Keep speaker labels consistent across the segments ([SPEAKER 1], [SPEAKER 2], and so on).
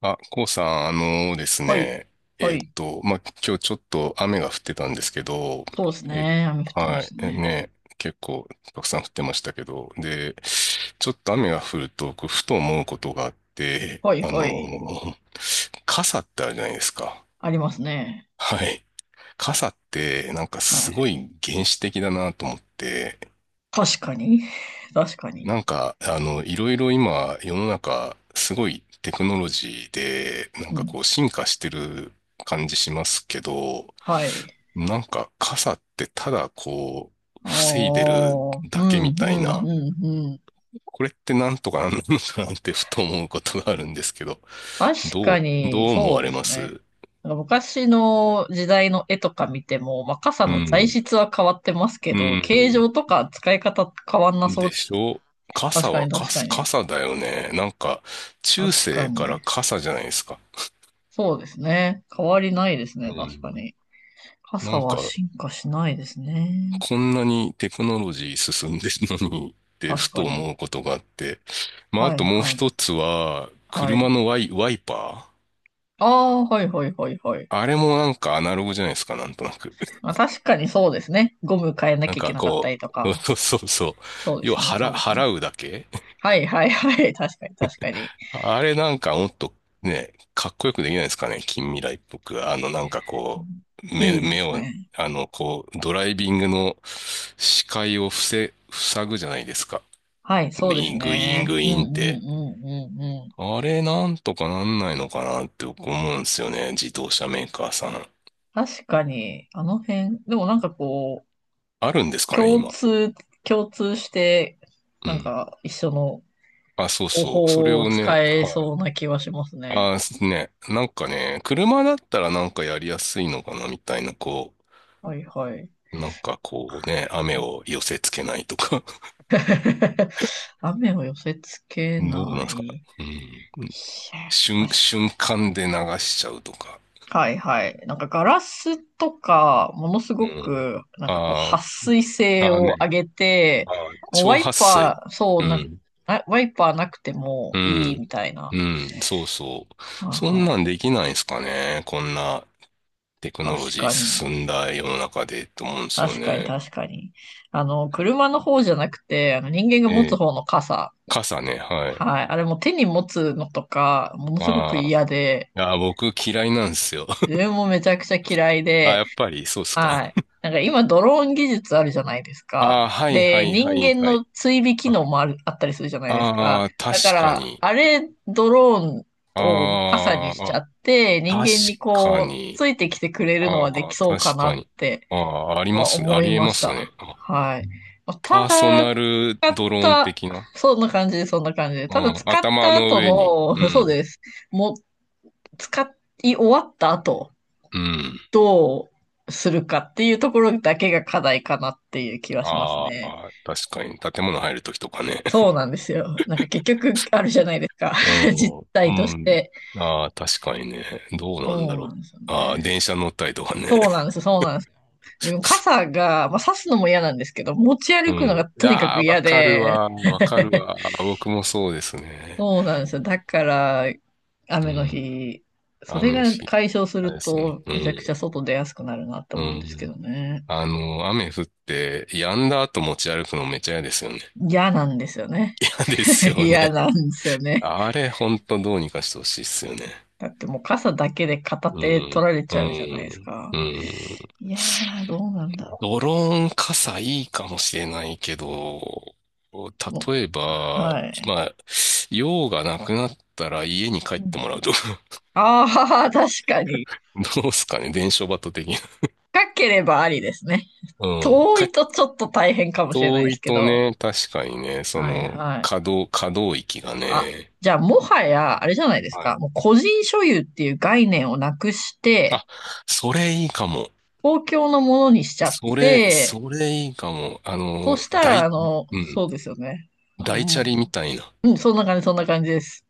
[SPEAKER 1] あ、こうさん、あのです
[SPEAKER 2] はい。
[SPEAKER 1] ね、
[SPEAKER 2] はい。
[SPEAKER 1] 今日ちょっと雨が降ってたんですけど、
[SPEAKER 2] そうです
[SPEAKER 1] え、
[SPEAKER 2] ね。雨降ってま
[SPEAKER 1] はい、
[SPEAKER 2] したね。
[SPEAKER 1] 結構たくさん降ってましたけど、で、ちょっと雨が降ると、こうふと思うことがあって、
[SPEAKER 2] はい、
[SPEAKER 1] あ
[SPEAKER 2] はい。
[SPEAKER 1] の、傘ってあるじゃないですか。
[SPEAKER 2] ありますね。
[SPEAKER 1] はい。傘って、なんか
[SPEAKER 2] は
[SPEAKER 1] すご
[SPEAKER 2] い。
[SPEAKER 1] い原始的だなと思って、
[SPEAKER 2] 確かに。確かに。
[SPEAKER 1] なんか、あの、いろいろ今、世の中、すごいテクノロジーで、な
[SPEAKER 2] う
[SPEAKER 1] んか
[SPEAKER 2] ん。
[SPEAKER 1] こう、進化してる感じしますけど、
[SPEAKER 2] はい。
[SPEAKER 1] なんか、傘ってただこう、
[SPEAKER 2] ああ、
[SPEAKER 1] 防いでる
[SPEAKER 2] うん、う
[SPEAKER 1] だけみ
[SPEAKER 2] ん、
[SPEAKER 1] たいな、
[SPEAKER 2] うん、うん。
[SPEAKER 1] これってなんとかなんのかなってふと思うことがあるんですけど、
[SPEAKER 2] 確
[SPEAKER 1] ど
[SPEAKER 2] か
[SPEAKER 1] う、
[SPEAKER 2] に、
[SPEAKER 1] どう思
[SPEAKER 2] そ
[SPEAKER 1] わ
[SPEAKER 2] うで
[SPEAKER 1] れま
[SPEAKER 2] すね。
[SPEAKER 1] す？
[SPEAKER 2] なんか昔の時代の絵とか見ても、まあ、傘
[SPEAKER 1] う
[SPEAKER 2] の材
[SPEAKER 1] ん。
[SPEAKER 2] 質は変わってますけ
[SPEAKER 1] う
[SPEAKER 2] ど、形
[SPEAKER 1] ん。
[SPEAKER 2] 状とか使い方変わんなそう。
[SPEAKER 1] でしょ？
[SPEAKER 2] 確
[SPEAKER 1] 傘
[SPEAKER 2] か
[SPEAKER 1] は
[SPEAKER 2] に、確か
[SPEAKER 1] 傘、
[SPEAKER 2] に。
[SPEAKER 1] 傘だよね。なんか、中
[SPEAKER 2] 確か
[SPEAKER 1] 世か
[SPEAKER 2] に。
[SPEAKER 1] ら傘じゃないですか。
[SPEAKER 2] そうですね。変わりないですね。
[SPEAKER 1] う
[SPEAKER 2] 確か
[SPEAKER 1] ん。
[SPEAKER 2] に。
[SPEAKER 1] な
[SPEAKER 2] 傘
[SPEAKER 1] ん
[SPEAKER 2] は
[SPEAKER 1] か、
[SPEAKER 2] 進化しないですね。
[SPEAKER 1] こんなにテクノロジー進んでるのにって
[SPEAKER 2] 確
[SPEAKER 1] ふと
[SPEAKER 2] かに。
[SPEAKER 1] 思うことがあって。まあ、あ
[SPEAKER 2] はい
[SPEAKER 1] ともう
[SPEAKER 2] はい。
[SPEAKER 1] 一つは、
[SPEAKER 2] はい。
[SPEAKER 1] 車のワイパー。
[SPEAKER 2] ああ、はいはいはいはい。
[SPEAKER 1] あれもなんかアナログじゃないですか、なんとなく。
[SPEAKER 2] まあ、確かにそうですね。ゴム変えな
[SPEAKER 1] なん
[SPEAKER 2] きゃいけ
[SPEAKER 1] か
[SPEAKER 2] なかった
[SPEAKER 1] こう、
[SPEAKER 2] りと か。
[SPEAKER 1] そうそうそう。
[SPEAKER 2] そうで
[SPEAKER 1] 要は
[SPEAKER 2] すね、そうですね。
[SPEAKER 1] 払うだけ。
[SPEAKER 2] はいはいはい。確かに確かに。
[SPEAKER 1] あれなんかもっとね、かっこよくできないですかね、近未来っぽく。あの、なんかこう、
[SPEAKER 2] いいで
[SPEAKER 1] 目
[SPEAKER 2] す
[SPEAKER 1] を、
[SPEAKER 2] ね。
[SPEAKER 1] あの、こう、ドライビングの視界を塞ぐじゃないですか。
[SPEAKER 2] はい、
[SPEAKER 1] グ
[SPEAKER 2] そうで
[SPEAKER 1] イ
[SPEAKER 2] す
[SPEAKER 1] ーン、グイーン、
[SPEAKER 2] ね。
[SPEAKER 1] グイ
[SPEAKER 2] うん
[SPEAKER 1] ーンっ
[SPEAKER 2] う
[SPEAKER 1] て。
[SPEAKER 2] んうんうんうん。
[SPEAKER 1] あれなんとかなんないのかなって僕思うんですよね。自動車メーカーさん。
[SPEAKER 2] 確かに、あの辺、でもなんかこう、
[SPEAKER 1] あるんですかね、
[SPEAKER 2] 共
[SPEAKER 1] 今。
[SPEAKER 2] 通、共通して、
[SPEAKER 1] う
[SPEAKER 2] なん
[SPEAKER 1] ん。
[SPEAKER 2] か一緒の
[SPEAKER 1] あ、そう
[SPEAKER 2] 方
[SPEAKER 1] そう。それ
[SPEAKER 2] 法を
[SPEAKER 1] をね、
[SPEAKER 2] 使え
[SPEAKER 1] は
[SPEAKER 2] そうな気はします
[SPEAKER 1] い。
[SPEAKER 2] ね。
[SPEAKER 1] あ、ね。なんかね、車だったらなんかやりやすいのかな、みたいな、こ
[SPEAKER 2] はいはい。
[SPEAKER 1] う、なんかこうね、雨を寄せつけないとか。
[SPEAKER 2] 雨を寄せつけ
[SPEAKER 1] どうな
[SPEAKER 2] な
[SPEAKER 1] ん
[SPEAKER 2] い。
[SPEAKER 1] ですか。
[SPEAKER 2] い
[SPEAKER 1] うん。
[SPEAKER 2] や、確か
[SPEAKER 1] 瞬
[SPEAKER 2] に。
[SPEAKER 1] 間で流しちゃうとか。
[SPEAKER 2] はいはい。なんかガラスとか、ものす
[SPEAKER 1] う
[SPEAKER 2] ご
[SPEAKER 1] ん。
[SPEAKER 2] く、なんかこう、
[SPEAKER 1] あ
[SPEAKER 2] 撥
[SPEAKER 1] ー、
[SPEAKER 2] 水性
[SPEAKER 1] あー
[SPEAKER 2] を
[SPEAKER 1] ね。
[SPEAKER 2] 上げて、
[SPEAKER 1] あー、
[SPEAKER 2] もう
[SPEAKER 1] 超
[SPEAKER 2] ワイ
[SPEAKER 1] 撥水。
[SPEAKER 2] パー、そ
[SPEAKER 1] う
[SPEAKER 2] うな、
[SPEAKER 1] ん。
[SPEAKER 2] あワイパーなくても
[SPEAKER 1] う
[SPEAKER 2] いいみ
[SPEAKER 1] ん。
[SPEAKER 2] たい
[SPEAKER 1] う
[SPEAKER 2] な。
[SPEAKER 1] ん。そうそ
[SPEAKER 2] は
[SPEAKER 1] う。
[SPEAKER 2] あ
[SPEAKER 1] そんな
[SPEAKER 2] は
[SPEAKER 1] んできないですかね。こんなテク
[SPEAKER 2] あ
[SPEAKER 1] ノロ
[SPEAKER 2] 確
[SPEAKER 1] ジー
[SPEAKER 2] かに。
[SPEAKER 1] 進んだ世の中でと思うんですよ
[SPEAKER 2] 確かに、
[SPEAKER 1] ね。
[SPEAKER 2] 確かに。あの、車の方じゃなくて、あの人間
[SPEAKER 1] え
[SPEAKER 2] が持つ
[SPEAKER 1] え。
[SPEAKER 2] 方の傘。
[SPEAKER 1] 傘ね。はい。
[SPEAKER 2] はい。あれも手に持つのとか、ものすごく
[SPEAKER 1] あ
[SPEAKER 2] 嫌で、
[SPEAKER 1] あ。ああ、僕嫌いなんですよ。
[SPEAKER 2] 自 分もめちゃくちゃ嫌い
[SPEAKER 1] ああ、
[SPEAKER 2] で、
[SPEAKER 1] やっぱりそうっすか。
[SPEAKER 2] はい。なんか今ドローン技術あるじゃないです
[SPEAKER 1] あ
[SPEAKER 2] か。
[SPEAKER 1] あ、はいは
[SPEAKER 2] で、
[SPEAKER 1] いは
[SPEAKER 2] 人
[SPEAKER 1] い
[SPEAKER 2] 間
[SPEAKER 1] は
[SPEAKER 2] の
[SPEAKER 1] い。
[SPEAKER 2] 追尾機
[SPEAKER 1] あ
[SPEAKER 2] 能もあったりするじゃないですか。
[SPEAKER 1] あー、
[SPEAKER 2] だか
[SPEAKER 1] 確か
[SPEAKER 2] ら、
[SPEAKER 1] に。
[SPEAKER 2] あれ、ドローン
[SPEAKER 1] あ
[SPEAKER 2] を傘にし
[SPEAKER 1] ー
[SPEAKER 2] ち
[SPEAKER 1] あ、
[SPEAKER 2] ゃって、人
[SPEAKER 1] 確
[SPEAKER 2] 間に
[SPEAKER 1] か
[SPEAKER 2] こう、
[SPEAKER 1] に。
[SPEAKER 2] ついてきてくれるの
[SPEAKER 1] あ
[SPEAKER 2] はでき
[SPEAKER 1] あ、
[SPEAKER 2] そう
[SPEAKER 1] 確
[SPEAKER 2] かな
[SPEAKER 1] か
[SPEAKER 2] っ
[SPEAKER 1] に。
[SPEAKER 2] て
[SPEAKER 1] ああ、ありま
[SPEAKER 2] は
[SPEAKER 1] すね。あ
[SPEAKER 2] 思い
[SPEAKER 1] りえ
[SPEAKER 2] ま
[SPEAKER 1] ま
[SPEAKER 2] し
[SPEAKER 1] す
[SPEAKER 2] た。
[SPEAKER 1] ね。あ、
[SPEAKER 2] はい。まあた
[SPEAKER 1] パーソ
[SPEAKER 2] だ、
[SPEAKER 1] ナル
[SPEAKER 2] 使っ
[SPEAKER 1] ドローン
[SPEAKER 2] た、
[SPEAKER 1] 的な。
[SPEAKER 2] そんな感じ、そんな感じ。ただ
[SPEAKER 1] ああ、
[SPEAKER 2] 使っ
[SPEAKER 1] 頭
[SPEAKER 2] た
[SPEAKER 1] の
[SPEAKER 2] 後
[SPEAKER 1] 上に。う
[SPEAKER 2] の、そう
[SPEAKER 1] ん。
[SPEAKER 2] です。もう、使い終わった後
[SPEAKER 1] うん。
[SPEAKER 2] どうするかっていうところだけが課題かなっていう気はします
[SPEAKER 1] あ
[SPEAKER 2] ね。
[SPEAKER 1] あ、確かに。建物入るときとかね。
[SPEAKER 2] そうなんですよ。なんか結局あるじゃないですか。実
[SPEAKER 1] う
[SPEAKER 2] 態と
[SPEAKER 1] ん。う
[SPEAKER 2] し
[SPEAKER 1] ん。
[SPEAKER 2] て。
[SPEAKER 1] ああ、確かにね。どうなんだ
[SPEAKER 2] そう
[SPEAKER 1] ろ
[SPEAKER 2] な
[SPEAKER 1] う。
[SPEAKER 2] んですよ
[SPEAKER 1] ああ、
[SPEAKER 2] ね。
[SPEAKER 1] 電車乗ったりとかね。
[SPEAKER 2] そうなんです、そうなんです。でも 傘が、まあ、差すのも嫌なんですけど、持ち
[SPEAKER 1] う
[SPEAKER 2] 歩くの
[SPEAKER 1] ん。い
[SPEAKER 2] がとにか
[SPEAKER 1] や
[SPEAKER 2] く
[SPEAKER 1] あ、わ
[SPEAKER 2] 嫌
[SPEAKER 1] かる
[SPEAKER 2] で。
[SPEAKER 1] わ。わかる わ。僕もそうですね。
[SPEAKER 2] そうなんですよ。だから、
[SPEAKER 1] う
[SPEAKER 2] 雨の
[SPEAKER 1] ん。
[SPEAKER 2] 日、それ
[SPEAKER 1] 雨の
[SPEAKER 2] が
[SPEAKER 1] 日。
[SPEAKER 2] 解消す
[SPEAKER 1] あれ
[SPEAKER 2] る
[SPEAKER 1] ですね。
[SPEAKER 2] と、
[SPEAKER 1] う
[SPEAKER 2] めちゃくちゃ
[SPEAKER 1] ん。
[SPEAKER 2] 外出やすくなるなと
[SPEAKER 1] う
[SPEAKER 2] 思うんですけど
[SPEAKER 1] ん。
[SPEAKER 2] ね。
[SPEAKER 1] あの、雨降って、止んだ後持ち歩くのめっちゃ嫌ですよね。
[SPEAKER 2] 嫌なんですよね。
[SPEAKER 1] 嫌です よ
[SPEAKER 2] 嫌
[SPEAKER 1] ね。
[SPEAKER 2] なんですよね。
[SPEAKER 1] あれ、ほんとどうにかしてほしいっすよね。
[SPEAKER 2] だってもう傘だけで片
[SPEAKER 1] う
[SPEAKER 2] 手取
[SPEAKER 1] ん、
[SPEAKER 2] られ
[SPEAKER 1] う
[SPEAKER 2] ちゃうじゃないです
[SPEAKER 1] ん、う
[SPEAKER 2] か。
[SPEAKER 1] ん。
[SPEAKER 2] いやー、どうなんだろ
[SPEAKER 1] ドローン傘いいかもしれないけど、
[SPEAKER 2] う。も
[SPEAKER 1] 例え
[SPEAKER 2] う、
[SPEAKER 1] ば、
[SPEAKER 2] はい。
[SPEAKER 1] 今、用がなくなったら家に帰ってもらうとか、
[SPEAKER 2] ああ、確かに。
[SPEAKER 1] どうすかね、伝承バト的な。
[SPEAKER 2] 深ければありですね。
[SPEAKER 1] うん。
[SPEAKER 2] 遠
[SPEAKER 1] 帰っ
[SPEAKER 2] い
[SPEAKER 1] て
[SPEAKER 2] とちょっと大変かもしれない
[SPEAKER 1] 遠
[SPEAKER 2] です
[SPEAKER 1] い
[SPEAKER 2] け
[SPEAKER 1] と
[SPEAKER 2] ど。
[SPEAKER 1] ね、確かにね、そ
[SPEAKER 2] はい
[SPEAKER 1] の、
[SPEAKER 2] はい。
[SPEAKER 1] 可動域が
[SPEAKER 2] あ、
[SPEAKER 1] ね。
[SPEAKER 2] じゃあもはや、あれじゃないです
[SPEAKER 1] は
[SPEAKER 2] か。
[SPEAKER 1] い。
[SPEAKER 2] もう個人所有っていう概念をなくして、
[SPEAKER 1] あ、それいいかも。
[SPEAKER 2] 公共のものにしちゃって、
[SPEAKER 1] それいいかも。あ
[SPEAKER 2] そ
[SPEAKER 1] の、
[SPEAKER 2] したら、あ
[SPEAKER 1] 大、
[SPEAKER 2] の、
[SPEAKER 1] うん、
[SPEAKER 2] そうですよね。
[SPEAKER 1] 大チャ
[SPEAKER 2] も
[SPEAKER 1] リみたいな。
[SPEAKER 2] ううん、そんな感じ、そんな感じです。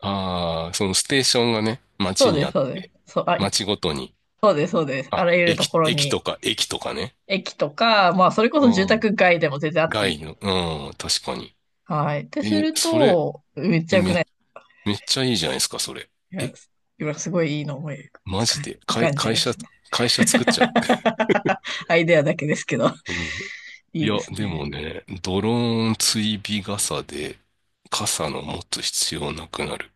[SPEAKER 1] ああ、そのステーションがね、
[SPEAKER 2] そ
[SPEAKER 1] 街
[SPEAKER 2] う
[SPEAKER 1] に
[SPEAKER 2] で
[SPEAKER 1] あ
[SPEAKER 2] す、
[SPEAKER 1] っ
[SPEAKER 2] そうです。
[SPEAKER 1] て、
[SPEAKER 2] そう、あ、い
[SPEAKER 1] 街ごとに、
[SPEAKER 2] そうです、そうです。あ
[SPEAKER 1] あ、
[SPEAKER 2] らゆるところに、
[SPEAKER 1] 駅とかね。
[SPEAKER 2] 駅とか、まあ、それこ
[SPEAKER 1] う
[SPEAKER 2] そ住宅
[SPEAKER 1] ん。
[SPEAKER 2] 街でも全然あっていい
[SPEAKER 1] 街
[SPEAKER 2] と。
[SPEAKER 1] の、うん、確かに。
[SPEAKER 2] はい。ってす
[SPEAKER 1] え、
[SPEAKER 2] る
[SPEAKER 1] それ、
[SPEAKER 2] と、めっちゃ
[SPEAKER 1] え、
[SPEAKER 2] 良くな
[SPEAKER 1] め、
[SPEAKER 2] い
[SPEAKER 1] めっちゃいいじゃないですか、それ。
[SPEAKER 2] いや
[SPEAKER 1] え、
[SPEAKER 2] 今すごいいいの思い
[SPEAKER 1] マ
[SPEAKER 2] つか
[SPEAKER 1] ジで、
[SPEAKER 2] 浮かんじゃいましたね。
[SPEAKER 1] 会社作っちゃう。
[SPEAKER 2] アイデアだけですけど、
[SPEAKER 1] うん。
[SPEAKER 2] い
[SPEAKER 1] い
[SPEAKER 2] いで
[SPEAKER 1] や、
[SPEAKER 2] す
[SPEAKER 1] でも
[SPEAKER 2] ね。
[SPEAKER 1] ね、ドローン追尾傘で、傘の持つ必要なくなる。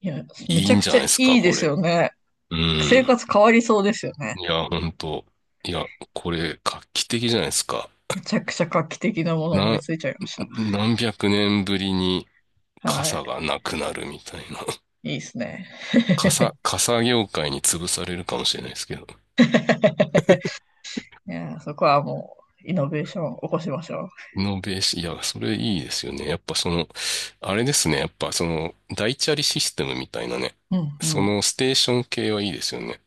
[SPEAKER 2] いや、め
[SPEAKER 1] い
[SPEAKER 2] ち
[SPEAKER 1] い
[SPEAKER 2] ゃ
[SPEAKER 1] ん
[SPEAKER 2] く
[SPEAKER 1] じゃ
[SPEAKER 2] ち
[SPEAKER 1] な
[SPEAKER 2] ゃ
[SPEAKER 1] いですか、
[SPEAKER 2] いいで
[SPEAKER 1] こ
[SPEAKER 2] す
[SPEAKER 1] れ。
[SPEAKER 2] よね。
[SPEAKER 1] う
[SPEAKER 2] 生
[SPEAKER 1] ん。
[SPEAKER 2] 活変わりそうですよね。
[SPEAKER 1] いや、ほんと。いや、これ、画期的じゃないですか。
[SPEAKER 2] めちゃくちゃ画期的なもの思い
[SPEAKER 1] な、
[SPEAKER 2] ついちゃいまし
[SPEAKER 1] 何百年ぶりに
[SPEAKER 2] た。はい。
[SPEAKER 1] 傘がなくなるみたいな。
[SPEAKER 2] いいですね。
[SPEAKER 1] 傘業界に潰されるかもしれないですけど。
[SPEAKER 2] いや、そこはもう、イノベーション起こしましょ
[SPEAKER 1] イノベーション、いや、それいいですよね。やっぱその、あれですね。やっぱその、大チャリシステムみたいなね。
[SPEAKER 2] う。うんう
[SPEAKER 1] そ
[SPEAKER 2] ん。
[SPEAKER 1] のステーション系はいいですよね。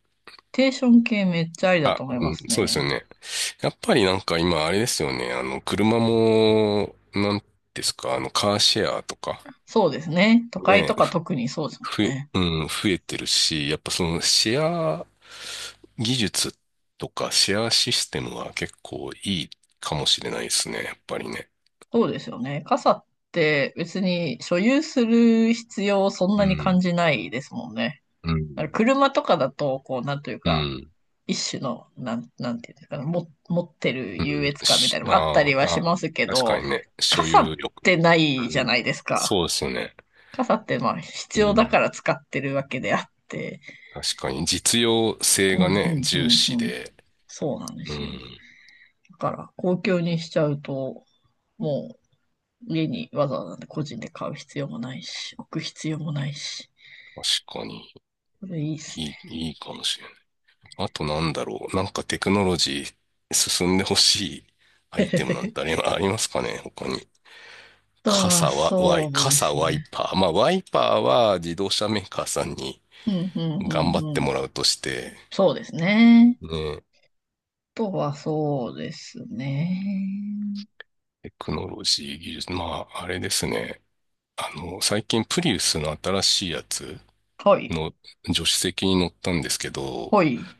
[SPEAKER 2] テーション系めっちゃありだ
[SPEAKER 1] あ、
[SPEAKER 2] と思い
[SPEAKER 1] う
[SPEAKER 2] ま
[SPEAKER 1] ん、
[SPEAKER 2] す
[SPEAKER 1] そうですよ
[SPEAKER 2] ね。
[SPEAKER 1] ね。やっぱりなんか今あれですよね。あの、車も、なんですか、あの、カーシェアとか。
[SPEAKER 2] そうですね。都会と
[SPEAKER 1] ね、
[SPEAKER 2] か特にそうですもん
[SPEAKER 1] 増え、
[SPEAKER 2] ね。
[SPEAKER 1] うん、増えてるし、やっぱそのシェア技術とかシェアシステムは結構いいかもしれないですね、やっぱりね。
[SPEAKER 2] そうですよね。傘って別に所有する必要をそん
[SPEAKER 1] う
[SPEAKER 2] なに感
[SPEAKER 1] ん、
[SPEAKER 2] じないですもんね。
[SPEAKER 1] うん、
[SPEAKER 2] だから車とかだと、こう、なんという
[SPEAKER 1] う
[SPEAKER 2] か、
[SPEAKER 1] ん、
[SPEAKER 2] 一種の、なんていうんですかね、も、持ってる
[SPEAKER 1] う
[SPEAKER 2] 優
[SPEAKER 1] ん。
[SPEAKER 2] 越感みた
[SPEAKER 1] し、
[SPEAKER 2] いなのもあった
[SPEAKER 1] あ
[SPEAKER 2] り
[SPEAKER 1] ー
[SPEAKER 2] はし
[SPEAKER 1] あー、
[SPEAKER 2] ますけ
[SPEAKER 1] 確
[SPEAKER 2] ど、
[SPEAKER 1] かにね、所
[SPEAKER 2] 傘
[SPEAKER 1] 有
[SPEAKER 2] っ
[SPEAKER 1] 欲。
[SPEAKER 2] てない
[SPEAKER 1] う
[SPEAKER 2] じゃ
[SPEAKER 1] ん、
[SPEAKER 2] ないですか。
[SPEAKER 1] そうですよね。
[SPEAKER 2] 傘ってまあ
[SPEAKER 1] う
[SPEAKER 2] 必要だか
[SPEAKER 1] ん、
[SPEAKER 2] ら使ってるわけであって。
[SPEAKER 1] 確かに実用性
[SPEAKER 2] うん、う
[SPEAKER 1] がね、
[SPEAKER 2] ん、う
[SPEAKER 1] 重
[SPEAKER 2] ん、
[SPEAKER 1] 視
[SPEAKER 2] うん。
[SPEAKER 1] で、
[SPEAKER 2] そうなんで
[SPEAKER 1] う
[SPEAKER 2] すよ。
[SPEAKER 1] ん、
[SPEAKER 2] だから公共にしちゃうと、もう家にわざわざ個人で買う必要もないし、置く必要もないし、
[SPEAKER 1] 確かに
[SPEAKER 2] これいいです
[SPEAKER 1] いい、いいかもしれない。あとなんだろう。なんかテクノロジー進んでほしいアイテムなんてあり、
[SPEAKER 2] ね。
[SPEAKER 1] ありますかね他に。
[SPEAKER 2] あとは
[SPEAKER 1] 傘は、ワイ、
[SPEAKER 2] そうで
[SPEAKER 1] 傘
[SPEAKER 2] すね。
[SPEAKER 1] ワイパー。まあ、ワイパーは自動車メーカーさんに
[SPEAKER 2] うんうん
[SPEAKER 1] 頑張っ
[SPEAKER 2] う
[SPEAKER 1] て
[SPEAKER 2] んうん。
[SPEAKER 1] もらうとして、
[SPEAKER 2] そうですね。
[SPEAKER 1] ね、
[SPEAKER 2] あとはそうですね。
[SPEAKER 1] テクノロジー技術。まあ、あれですね。あの、最近プリウスの新しいやつ
[SPEAKER 2] はい。
[SPEAKER 1] の助手席に乗ったんですけど、
[SPEAKER 2] はい。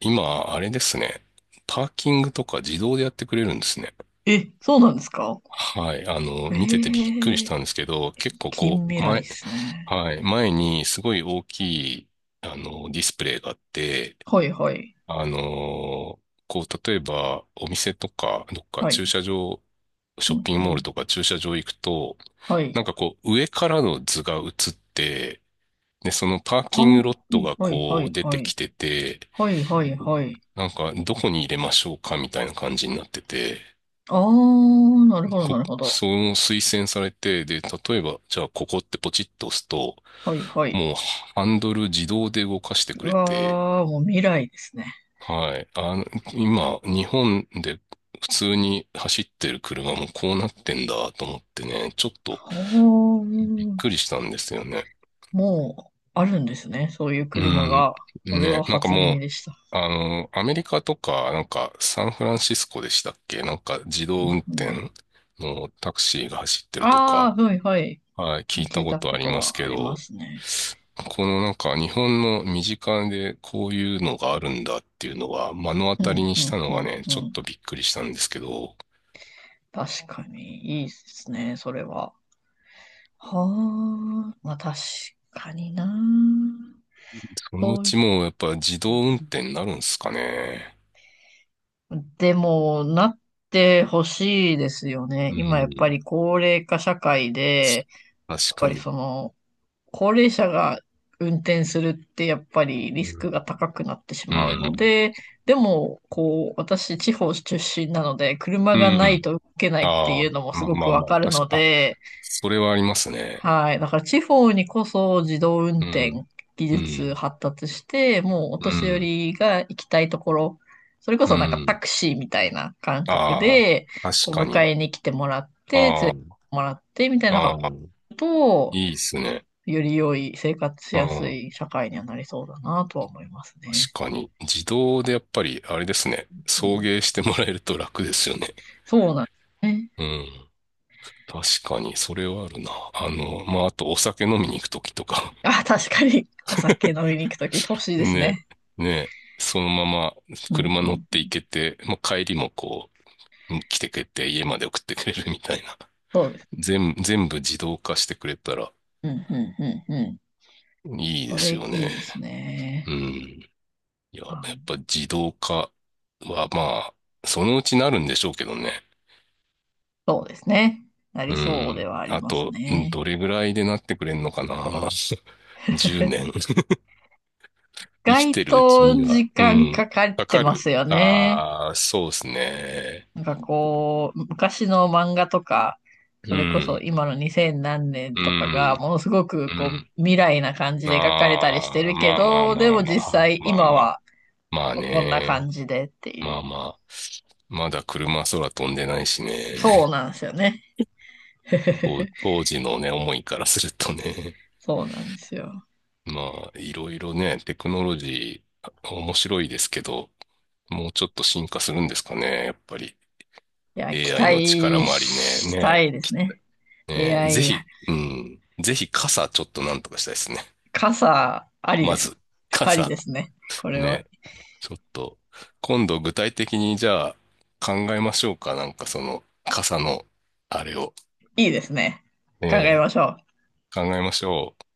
[SPEAKER 1] 今、あれですね。パーキングとか自動でやってくれるんですね。
[SPEAKER 2] え、そうなんですか。
[SPEAKER 1] はい。あの、
[SPEAKER 2] え
[SPEAKER 1] 見ててびっくりし
[SPEAKER 2] ー、
[SPEAKER 1] たんですけど、結構こ
[SPEAKER 2] 近
[SPEAKER 1] う、
[SPEAKER 2] 未来で
[SPEAKER 1] 前、
[SPEAKER 2] すね。
[SPEAKER 1] はい。前にすごい大きい、あの、ディスプレイがあって、
[SPEAKER 2] はいはい。
[SPEAKER 1] あの、こう、例えばお店とか、どっか
[SPEAKER 2] は
[SPEAKER 1] 駐
[SPEAKER 2] い。
[SPEAKER 1] 車場、
[SPEAKER 2] う
[SPEAKER 1] ショッ
[SPEAKER 2] ん
[SPEAKER 1] ピング
[SPEAKER 2] う
[SPEAKER 1] モール
[SPEAKER 2] ん。
[SPEAKER 1] とか駐車場行くと、
[SPEAKER 2] はい。
[SPEAKER 1] なんかこう、上からの図が映って、で、そのパー
[SPEAKER 2] あ
[SPEAKER 1] キングロ
[SPEAKER 2] ー
[SPEAKER 1] ットが
[SPEAKER 2] はいはいは
[SPEAKER 1] こ
[SPEAKER 2] い
[SPEAKER 1] う出
[SPEAKER 2] は
[SPEAKER 1] てき
[SPEAKER 2] い。
[SPEAKER 1] てて、
[SPEAKER 2] はいはいはい。
[SPEAKER 1] なんかどこに入れましょうかみたいな感じになってて、
[SPEAKER 2] ああ、なるほど、な
[SPEAKER 1] こ、
[SPEAKER 2] るほど。
[SPEAKER 1] その推薦されて、で、例えば、じゃあここってポチッと押すと、
[SPEAKER 2] はいはい。
[SPEAKER 1] もうハンドル自動で動かしてく
[SPEAKER 2] う
[SPEAKER 1] れて、
[SPEAKER 2] わあ、もう未来ですね。
[SPEAKER 1] はい。あの、今、日本で普通に走ってる車もこうなってんだと思ってね、ちょっと
[SPEAKER 2] ほ
[SPEAKER 1] びっ
[SPEAKER 2] ー
[SPEAKER 1] くりしたんですよね。
[SPEAKER 2] もう、あるんですね。そういう
[SPEAKER 1] う
[SPEAKER 2] 車
[SPEAKER 1] ん。
[SPEAKER 2] が。それは
[SPEAKER 1] ね、なんか
[SPEAKER 2] 初
[SPEAKER 1] も
[SPEAKER 2] 耳
[SPEAKER 1] う、
[SPEAKER 2] でした。
[SPEAKER 1] あの、アメリカとか、なんかサンフランシスコでしたっけ、なんか自
[SPEAKER 2] う
[SPEAKER 1] 動
[SPEAKER 2] ん
[SPEAKER 1] 運
[SPEAKER 2] う
[SPEAKER 1] 転
[SPEAKER 2] ん、
[SPEAKER 1] のタクシーが走ってるとか、
[SPEAKER 2] ああ、はいはい。
[SPEAKER 1] はい、聞い
[SPEAKER 2] 聞
[SPEAKER 1] た
[SPEAKER 2] い
[SPEAKER 1] こ
[SPEAKER 2] た
[SPEAKER 1] と
[SPEAKER 2] こ
[SPEAKER 1] あり
[SPEAKER 2] と
[SPEAKER 1] ます
[SPEAKER 2] は
[SPEAKER 1] け
[SPEAKER 2] ありま
[SPEAKER 1] ど、
[SPEAKER 2] すね。
[SPEAKER 1] このなんか日本の身近でこういうのがあるんだっていうのは目の当
[SPEAKER 2] うん、
[SPEAKER 1] たりに
[SPEAKER 2] う
[SPEAKER 1] した
[SPEAKER 2] ん、
[SPEAKER 1] の
[SPEAKER 2] う
[SPEAKER 1] が
[SPEAKER 2] ん、
[SPEAKER 1] ね、ち
[SPEAKER 2] う
[SPEAKER 1] ょっ
[SPEAKER 2] ん。
[SPEAKER 1] とびっくりしたんですけど、
[SPEAKER 2] 確かに、いいですね、それは。はあ、まあ確かにな。
[SPEAKER 1] そのう
[SPEAKER 2] そうい
[SPEAKER 1] ちもうやっぱ自
[SPEAKER 2] う。
[SPEAKER 1] 動運転になるんですかね。
[SPEAKER 2] でも、なってほしいですよね。
[SPEAKER 1] う
[SPEAKER 2] 今やっぱ
[SPEAKER 1] ん。
[SPEAKER 2] り高齢化社会で、
[SPEAKER 1] 確
[SPEAKER 2] やっ
[SPEAKER 1] か
[SPEAKER 2] ぱり
[SPEAKER 1] に。
[SPEAKER 2] その、高齢者が運転するってやっぱり
[SPEAKER 1] う
[SPEAKER 2] リス
[SPEAKER 1] ん。
[SPEAKER 2] クが高くなってし
[SPEAKER 1] う
[SPEAKER 2] まうの
[SPEAKER 1] ん。
[SPEAKER 2] で、でも、こう、私、地方出身なので、車
[SPEAKER 1] う
[SPEAKER 2] がない
[SPEAKER 1] ん。
[SPEAKER 2] と動けないって
[SPEAKER 1] ああ、
[SPEAKER 2] いうのもす
[SPEAKER 1] まあ
[SPEAKER 2] ご
[SPEAKER 1] ま
[SPEAKER 2] く
[SPEAKER 1] あ
[SPEAKER 2] わ
[SPEAKER 1] まあ、
[SPEAKER 2] かるの
[SPEAKER 1] 確か、あ、
[SPEAKER 2] で、
[SPEAKER 1] それはありますね。
[SPEAKER 2] はい。だから地方にこそ自動運
[SPEAKER 1] う
[SPEAKER 2] 転
[SPEAKER 1] ん。
[SPEAKER 2] 技
[SPEAKER 1] う
[SPEAKER 2] 術
[SPEAKER 1] ん。
[SPEAKER 2] 発達して、もうお
[SPEAKER 1] う
[SPEAKER 2] 年寄
[SPEAKER 1] ん。
[SPEAKER 2] りが行きたいところ、それこ
[SPEAKER 1] う
[SPEAKER 2] そなんかタ
[SPEAKER 1] ん。
[SPEAKER 2] クシーみたいな感覚
[SPEAKER 1] あ
[SPEAKER 2] で、
[SPEAKER 1] あ、確
[SPEAKER 2] こう
[SPEAKER 1] か
[SPEAKER 2] 迎
[SPEAKER 1] に。
[SPEAKER 2] えに来てもらって、連れてっ
[SPEAKER 1] あ
[SPEAKER 2] てもらってみたい
[SPEAKER 1] あ、
[SPEAKER 2] なこ
[SPEAKER 1] ああ。
[SPEAKER 2] とと、
[SPEAKER 1] いいっすね。
[SPEAKER 2] より良い生活し
[SPEAKER 1] う
[SPEAKER 2] やす
[SPEAKER 1] ん。
[SPEAKER 2] い社会にはなりそうだなとは思いますね。
[SPEAKER 1] 確かに。自動でやっぱり、あれですね。
[SPEAKER 2] う
[SPEAKER 1] 送
[SPEAKER 2] ん。
[SPEAKER 1] 迎してもらえると楽ですよね。
[SPEAKER 2] そうなんですね。
[SPEAKER 1] うん。確かに、それはあるな。あの、まあ、あとお酒飲みに行くときとか。
[SPEAKER 2] あ、確かにお酒飲みに行くとき欲しい です
[SPEAKER 1] ね、
[SPEAKER 2] ね。
[SPEAKER 1] ね、そのまま
[SPEAKER 2] うん
[SPEAKER 1] 車
[SPEAKER 2] う
[SPEAKER 1] 乗って
[SPEAKER 2] ん。
[SPEAKER 1] 行けて、まあ、帰りもこう、来てくれて家まで送ってくれるみたいな。
[SPEAKER 2] そうです。
[SPEAKER 1] 全部自動化してくれたら
[SPEAKER 2] うんうんうんうん。
[SPEAKER 1] いいで
[SPEAKER 2] これ
[SPEAKER 1] す
[SPEAKER 2] い
[SPEAKER 1] よ
[SPEAKER 2] い
[SPEAKER 1] ね。
[SPEAKER 2] です
[SPEAKER 1] う
[SPEAKER 2] ね。
[SPEAKER 1] ん。いや、
[SPEAKER 2] あ
[SPEAKER 1] やっぱ自動化はまあ、そのうちなるんでしょうけどね。
[SPEAKER 2] そうですね。なり
[SPEAKER 1] う
[SPEAKER 2] そうで
[SPEAKER 1] ん。
[SPEAKER 2] はあり
[SPEAKER 1] あ
[SPEAKER 2] ます
[SPEAKER 1] と、うん、
[SPEAKER 2] ね。
[SPEAKER 1] どれぐらいでなってくれんのかな？ 10 年。
[SPEAKER 2] 意
[SPEAKER 1] 生き
[SPEAKER 2] 外
[SPEAKER 1] てるうち
[SPEAKER 2] と
[SPEAKER 1] には、
[SPEAKER 2] 時
[SPEAKER 1] う
[SPEAKER 2] 間
[SPEAKER 1] ん。
[SPEAKER 2] かかっ
[SPEAKER 1] か
[SPEAKER 2] て
[SPEAKER 1] か
[SPEAKER 2] ま
[SPEAKER 1] る。
[SPEAKER 2] すよね。
[SPEAKER 1] ああ、そうですね。
[SPEAKER 2] なんかこう、昔の漫画とか、そ
[SPEAKER 1] う
[SPEAKER 2] れこそ
[SPEAKER 1] ん。
[SPEAKER 2] 今の2000何年
[SPEAKER 1] う
[SPEAKER 2] とかが、
[SPEAKER 1] ん。
[SPEAKER 2] ものすごく
[SPEAKER 1] う
[SPEAKER 2] こう、
[SPEAKER 1] ん。
[SPEAKER 2] 未来な感じで描かれたりして
[SPEAKER 1] ああ、
[SPEAKER 2] るけ
[SPEAKER 1] まあまあ
[SPEAKER 2] ど、
[SPEAKER 1] ま
[SPEAKER 2] で
[SPEAKER 1] あ
[SPEAKER 2] も
[SPEAKER 1] ま
[SPEAKER 2] 実
[SPEAKER 1] あ。
[SPEAKER 2] 際
[SPEAKER 1] まあ
[SPEAKER 2] 今
[SPEAKER 1] まあ。
[SPEAKER 2] は
[SPEAKER 1] まあ
[SPEAKER 2] こんな
[SPEAKER 1] ね。
[SPEAKER 2] 感じでって
[SPEAKER 1] ま
[SPEAKER 2] い
[SPEAKER 1] あ
[SPEAKER 2] う。
[SPEAKER 1] まあ。まだ車空飛んでないしね。
[SPEAKER 2] そう なんですよね。
[SPEAKER 1] 当 当時のね、思いからするとね。
[SPEAKER 2] そうなんですよ。
[SPEAKER 1] まあ、いろいろね、テクノロジー、面白いですけど、もうちょっと進化するんですかね、やっぱり。
[SPEAKER 2] いや、期
[SPEAKER 1] AI の力
[SPEAKER 2] 待
[SPEAKER 1] もありね。
[SPEAKER 2] したいですね。
[SPEAKER 1] ねえ、ぜ
[SPEAKER 2] AI 発
[SPEAKER 1] ひ、うん、ぜひ傘ちょっとなんとかしたいですね。
[SPEAKER 2] 傘ありで
[SPEAKER 1] ま
[SPEAKER 2] す。
[SPEAKER 1] ず、
[SPEAKER 2] あり
[SPEAKER 1] 傘。
[SPEAKER 2] ですね。これ
[SPEAKER 1] ね
[SPEAKER 2] は
[SPEAKER 1] え、ちょっと、今度具体的にじゃあ考えましょうか。なんかその傘のあれを、
[SPEAKER 2] いいですね。
[SPEAKER 1] ね
[SPEAKER 2] 考え
[SPEAKER 1] え、
[SPEAKER 2] ましょう。
[SPEAKER 1] 考えましょう。